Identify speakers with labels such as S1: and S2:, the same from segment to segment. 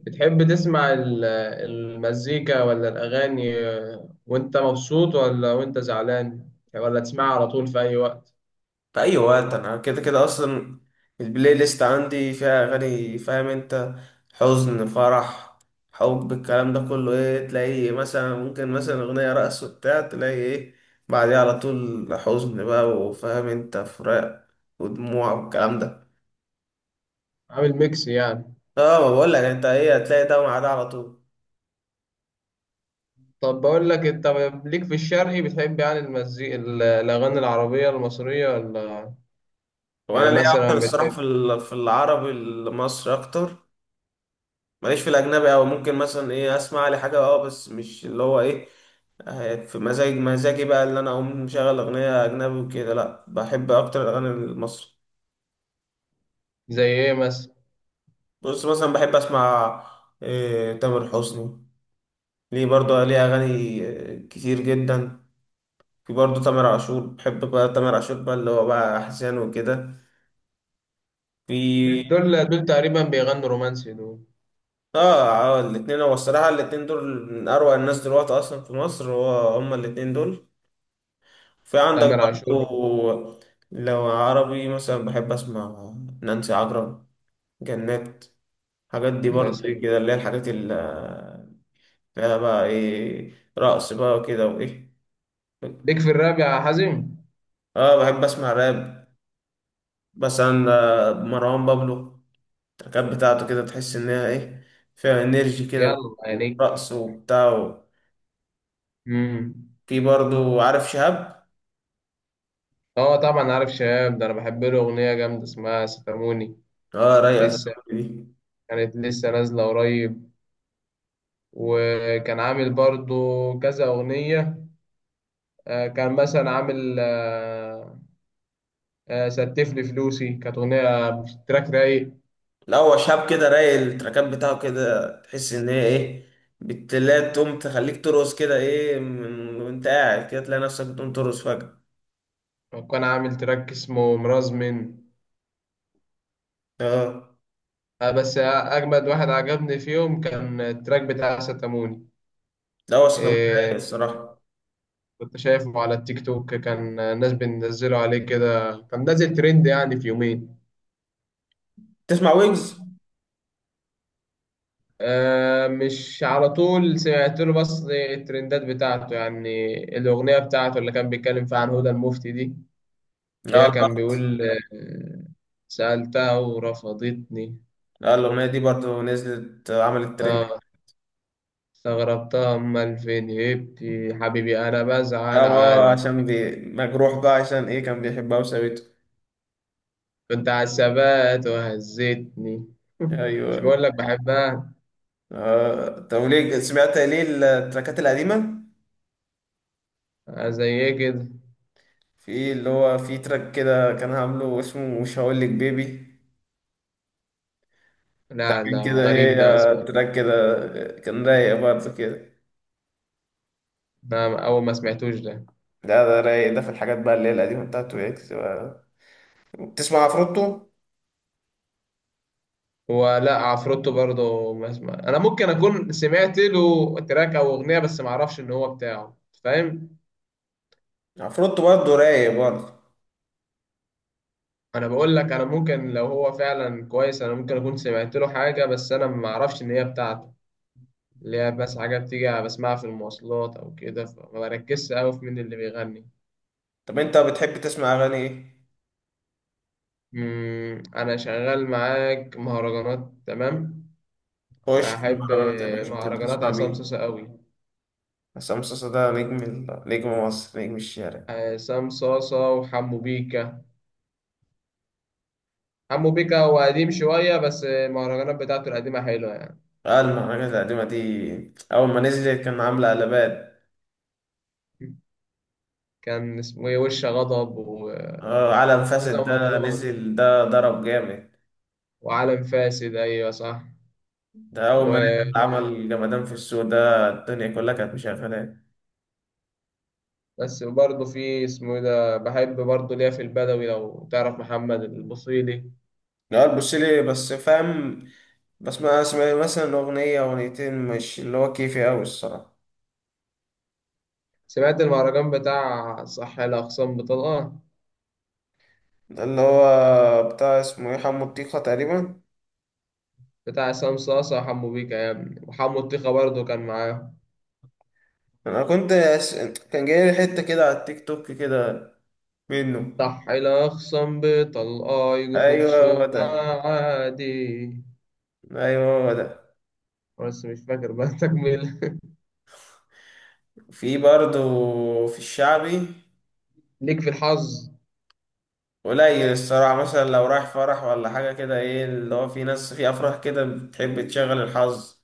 S1: بتحب تسمع المزيكا ولا الأغاني وأنت مبسوط ولا وأنت زعلان ولا تسمعها على طول في أي وقت؟
S2: في اي وقت. انا كده كده اصلا البلاي ليست عندي فيها اغاني، فاهم انت؟ حزن، فرح، حب، الكلام ده كله، ايه؟ تلاقي مثلا ممكن مثلا اغنية رقص وبتاع، تلاقي ايه؟ بعديها على طول حزن بقى، وفاهم انت، فراق ودموع والكلام ده.
S1: عامل ميكس يعني؟
S2: اه ما بقول لك انت ايه، هتلاقي ده مع ده على طول.
S1: طب بقول لك أنت، ليك في الشرقي؟ بتحب يعني المزيكا، الأغاني العربية المصرية ولا؟
S2: وانا
S1: يعني
S2: ليا اكتر
S1: مثلا
S2: الصراحة
S1: بتحب
S2: في العربي المصري اكتر. ماليش في الاجنبي، او ممكن مثلا ايه اسمع لي حاجة اه، بس مش اللي هو ايه. في مزاج مزاجي بقى اللي انا اقوم مشغل اغنيه اجنبي وكده، لا بحب اكتر الاغاني المصري.
S1: زي إيه مثلا؟
S2: بص مثلا بحب اسمع إيه، تامر حسني. ليه؟ برضه ليه اغاني كتير جدا. في برضه تامر عاشور، بحب بقى تامر عاشور بقى اللي هو بقى احزان وكده.
S1: مش
S2: في
S1: دول تقريبا بيغنوا رومانسي دول؟
S2: اه. الاتنين هو الصراحه الاتنين دول من اروع الناس دلوقتي اصلا في مصر، هو هما الاتنين دول. في عندك
S1: تامر عاشور.
S2: برضه، لو عربي مثلا بحب اسمع نانسي عجرم، جنات. الحاجات دي برضه
S1: والناس
S2: ايه
S1: هي.
S2: كده، اللي هي الحاجات اللي فيها بقى ايه، رقص بقى وكده وايه.
S1: ليك في الراب يا حازم؟
S2: اه بحب اسمع راب، مثلا مروان بابلو. التراكات بتاعته كده، تحس انها ايه، فيها انرجي كده بقى،
S1: يلا عينيك.
S2: ورقص وبتاع
S1: امم
S2: في برضه عارف شهاب.
S1: اه، طبعا عارف شباب ده، انا بحب له اغنيه جامده اسمها ستاموني.
S2: اه رايق أصلاً
S1: لسه
S2: دي.
S1: كانت لسه نازلة قريب. وكان عامل برضو كذا أغنية، كان مثلا عامل ستف لي فلوسي كانت أغنية، تراك رايق.
S2: لا هو شهاب كده رايق، التراكات بتاعه كده تحس ان هي ايه، بتلاقي تقوم تخليك ترقص كده ايه، وانت قاعد كده تلاقي نفسك بتقوم ترقص فجأة.
S1: وكان عامل تراك اسمه مرازمن.
S2: اه.
S1: بس أجمد واحد عجبني فيهم كان التراك بتاع ستاموني.
S2: لا هو صوته رايق
S1: آه،
S2: الصراحة.
S1: كنت شايفه على التيك توك، كان الناس بتنزله عليه كده، كان نازل ترند يعني في يومين.
S2: تسمع ويجز؟
S1: آه، مش على طول. سمعت له بس الترندات بتاعته، يعني الأغنية بتاعته اللي كان بيتكلم فيها عن هدى المفتي دي، اللي
S2: لا
S1: هي كان
S2: البخت.
S1: بيقول: آه سألتها ورفضتني.
S2: لا الأغنية دي برضو نزلت عملت ترند.
S1: اه، استغربتها، أمال فين؟ هبتي حبيبي أنا بزعل
S2: اه
S1: على
S2: عشان
S1: خيبتي.
S2: مجروح بقى عشان ايه، كان بيحبها وسابته.
S1: كنت على الثبات وهزتني مش
S2: ايوه.
S1: بقول لك بحبها؟
S2: آه. طب ليه سمعت ليه التراكات القديمة؟
S1: آه زي كده.
S2: في اللي هو في تراك كده كان عامله اسمه مش هقولك بيبي. ده
S1: لا،
S2: كان
S1: لا،
S2: كده ايه،
S1: غريب ده. ما سمعت-
S2: تراك كده، كان رايق برضه كده.
S1: ده أول ما سمعتوش ده.
S2: ده رايق، ده في الحاجات بقى اللي هي القديمة بتاعته ويجز بقى. بتسمع عفروتو؟
S1: ولا عفروتو برضه ما اسمع، انا ممكن اكون سمعت له تراك او اغنيه بس ما اعرفش ان هو بتاعه، فاهم؟
S2: عفروتو برضه رايق برضه.
S1: انا بقول لك، انا ممكن لو هو فعلا كويس انا ممكن اكون سمعت له حاجه بس انا ما اعرفش ان هي بتاعته، اللي هي بس حاجه بتيجي بسمعها في المواصلات او كده، فما بركزش قوي في مين اللي بيغني.
S2: طب انت بتحب تسمع اغاني ايه؟
S1: انا شغال معاك مهرجانات تمام.
S2: خش في
S1: بحب
S2: المهرجانات يا باشا، بتحب
S1: مهرجانات
S2: تسمع
S1: عصام
S2: مين؟
S1: صاصا قوي.
S2: عصام صاصا ده نجم نجم مصر، نجم الشارع.
S1: عصام صاصا وحمو بيكا. حمو بيكا هو قديم شوية بس المهرجانات بتاعته القديمة حلوة يعني.
S2: اه المهرجانات القديمة دي أول ما نزلت كان عاملة قلبان.
S1: كان اسمه ايه، وش غضب وكذا.
S2: اه عالم فاسد ده
S1: مهرجان
S2: نزل ده ضرب جامد.
S1: وعالم فاسد، أيوة صح.
S2: ده أول ما
S1: و...
S2: نزل عمل جمدان في السوق، ده الدنيا كلها كانت مشغلاه.
S1: بس برضه في اسمه ايه ده، بحب برضه ليا في البدوي، لو تعرف محمد البصيلي.
S2: لا تبص لي بس، فاهم؟ بس ما اسمع مثلا أغنية أغنيتين، مش اللي هو كيفي أوي الصراحة.
S1: سمعت المهرجان بتاع صح الأقسام بطلقة؟
S2: ده اللي هو بتاع اسمه ايه، حمو الطيخة تقريبا.
S1: بتاع عصام صاصة وحمو بيكا يا ابني، وحمو الطيخة برضه كان معاه.
S2: انا كنت أس... كان جاي لي حتة كده على التيك توك كده منه.
S1: صح الأقسام بطلقة، يجوا في
S2: ايوه هو
S1: خصومة
S2: ده.
S1: عادي.
S2: ايوه هو ده.
S1: بس مش فاكر بقى تكمل.
S2: في برضو في الشعبي
S1: ليك في الحظ؟
S2: قليل الصراحة، مثلا لو رايح فرح ولا حاجة كده، ايه اللي هو في ناس في افراح كده بتحب تشغل الحظ.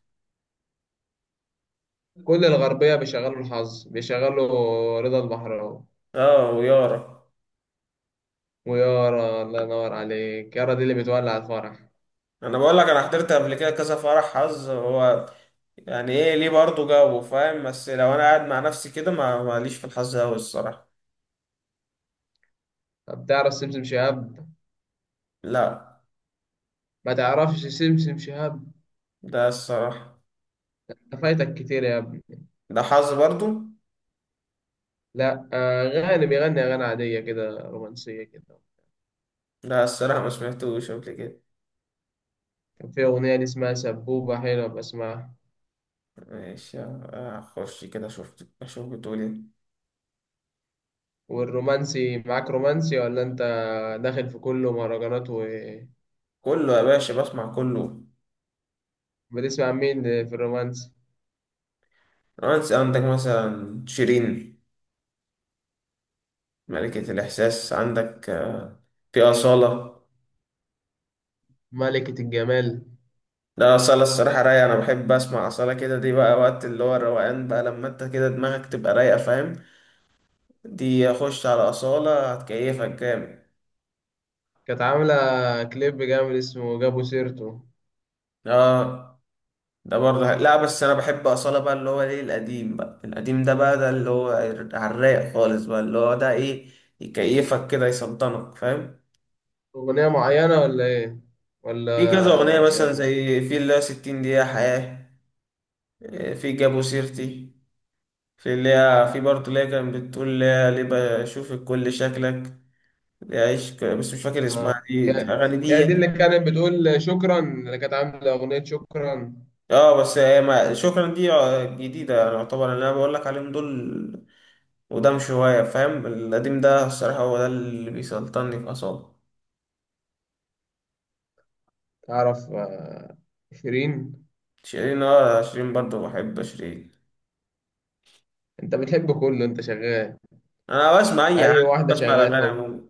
S1: كل الغربية بيشغلوا الحظ، بيشغلوا رضا البحراوي
S2: اه ويارا.
S1: ويارا. الله ينور عليك، يارا دي اللي بتولع الفرح.
S2: انا بقول لك انا حضرت قبل كده كذا فرح حظ، هو يعني ايه ليه برضو جو، فاهم؟ بس لو انا قاعد مع نفسي كده، ما ماليش في الحظ اوي الصراحة.
S1: طب تعرف سمسم شهاب؟
S2: لا.
S1: ما تعرفش سمسم شهاب؟
S2: ده الصراحة
S1: ده فايتك كتير يا ابني.
S2: ده حظ برضو.
S1: لا، غاني بيغني أغاني عادية كده، رومانسية كده.
S2: لا الصراحة ما سمعتوش قبل كده.
S1: كان في أغنية دي اسمها سبوبة، حلوة بسمعها.
S2: ماشي، أخش كده أشوف، أشوف بتقول إيه.
S1: والرومانسي معاك؟ رومانسي ولا أنت داخل في كله مهرجانات؟
S2: كله يا باشا، بسمع كله.
S1: وبتسمع مين في الرومانسي؟
S2: رومانس، عندك مثلا شيرين ملكة الإحساس، عندك في أصالة.
S1: ملكة الجمال.
S2: لا أصالة الصراحة رايقة، أنا بحب أسمع أصالة كده، دي بقى وقت اللي هو الروقان بقى، لما أنت كده دماغك تبقى رايقة، فاهم؟ دي أخش على أصالة هتكيفك جامد.
S1: كانت عاملة كليب جامد اسمه جابوا سيرته.
S2: آه. ده برضه لا بس انا بحب اصاله بقى اللي هو ايه، القديم بقى، القديم ده بقى، ده اللي هو على الرايق خالص بقى، اللي هو ده ايه، يكيفك كده، يسلطنك، فاهم؟
S1: أغنية معينة ولا إيه؟
S2: في كذا اغنيه
S1: ولا
S2: مثلا،
S1: شغال؟
S2: زي في اللي هي 60 دقيقه حياه، إيه، في جابوا سيرتي، في اللي هي في برضه اللي هي كانت بتقول اللي هي ليه بشوفك كل شكلك، اللي هي بس مش فاكر
S1: آه.
S2: اسمها، دي
S1: يا
S2: الاغاني دي
S1: يا دي اللي
S2: يعني.
S1: كانت بتقول شكرا، اللي كانت عاملة أغنية شكرا.
S2: اه بس هي شكرا دي جديده يعني، يعتبر اللي انا بقول لك عليهم دول قدام شوية، فاهم؟ القديم ده الصراحة هو ده اللي بيسلطني في أعصابي.
S1: تعرف شيرين؟
S2: شيرين؟ اه شيرين برضه بحب شيرين.
S1: أنت بتحب كله، أنت شغال
S2: أنا بسمع أي حاجة،
S1: أي واحدة
S2: بسمع
S1: شغال
S2: الأغاني
S1: حب.
S2: عموما.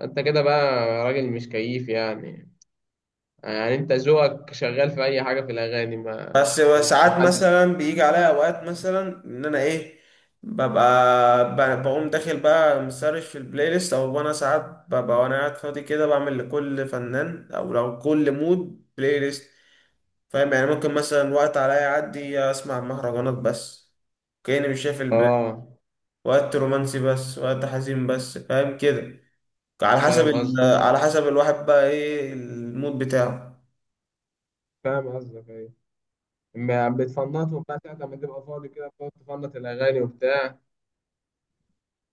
S1: أنت كده بقى راجل مش كيف يعني، يعني أنت ذوقك شغال في أي حاجة في الأغاني، ما
S2: بس
S1: مش
S2: ساعات
S1: محدد.
S2: مثلا بيجي عليا أوقات مثلا إن أنا إيه، بقوم داخل بقى مسرش في البلاي ليست، أو أنا ساعات ببقى وأنا قاعد فاضي كده بعمل لكل فنان أو لو كل مود بلاي ليست، فاهم؟ يعني ممكن مثلا وقت عليا يعدي أسمع مهرجانات بس، كأني مش شايف.
S1: آه،
S2: وقت رومانسي بس، وقت حزين بس، فاهم كده؟ على حسب
S1: فاهم قصدك
S2: على حسب الواحد بقى ايه المود بتاعه.
S1: فاهم قصدك أيوة. ما بتفنطوا بقى ساعة ما تبقى فاضي كده، بتقعد تفنط الأغاني وبتاع؟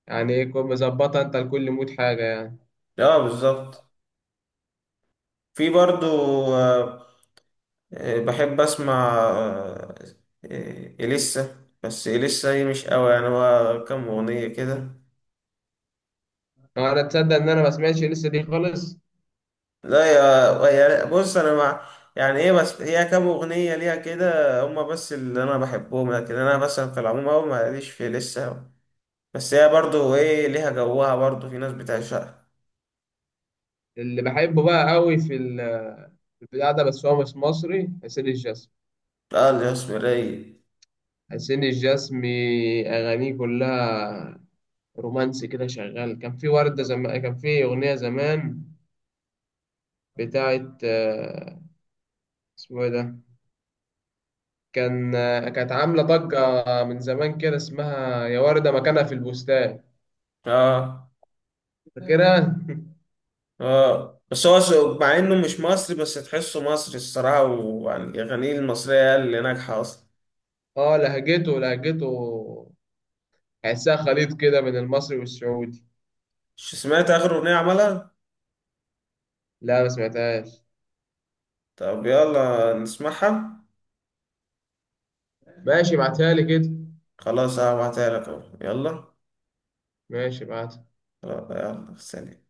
S1: يعني إيه كنت مظبطها أنت لكل مود حاجة يعني؟
S2: اه بالظبط. في برضو آه، بحب اسمع إليسا، بس إليسا هي مش قوي يعني، هو كام أغنية كده.
S1: أنا تصدق إن أنا ما سمعتش لسه دي خالص.
S2: لا يا يا- بص أنا مع يعني إيه، بس هي كام أغنية ليها كده هما بس اللي أنا بحبهم، لكن أنا مثلا في العموم أوي ماليش في إليسا أوي. بس هي برضو إيه، ليها جوها، برضو في ناس بتعشقها.
S1: اللي بحبه بقى قوي في البتاع ده، بس هو مش مصري، حسين الجسمي.
S2: اه الاسمرية.
S1: حسين الجسمي أغانيه كلها رومانسي كده شغال. كان في وردة زمان، كان في أغنية زمان بتاعت اسمه إيه ده، كان كانت عاملة ضجة من زمان كده اسمها يا وردة مكانها في البستان.
S2: اه.
S1: فاكرها؟
S2: اه بس هو مع انه مش مصري بس تحسه مصري الصراحة، ويعني الأغاني المصرية هي اللي ناجحة أصلا.
S1: اه، لهجته تحسها خليط كده من المصري والسعودي.
S2: مش سمعت آخر أغنية عملها؟
S1: لا ما سمعتهاش.
S2: طب يلا نسمعها.
S1: ماشي ابعتها لي كده.
S2: خلاص هبعتها لك أهو، يلا.
S1: ماشي ابعتها.
S2: يلا، سلام.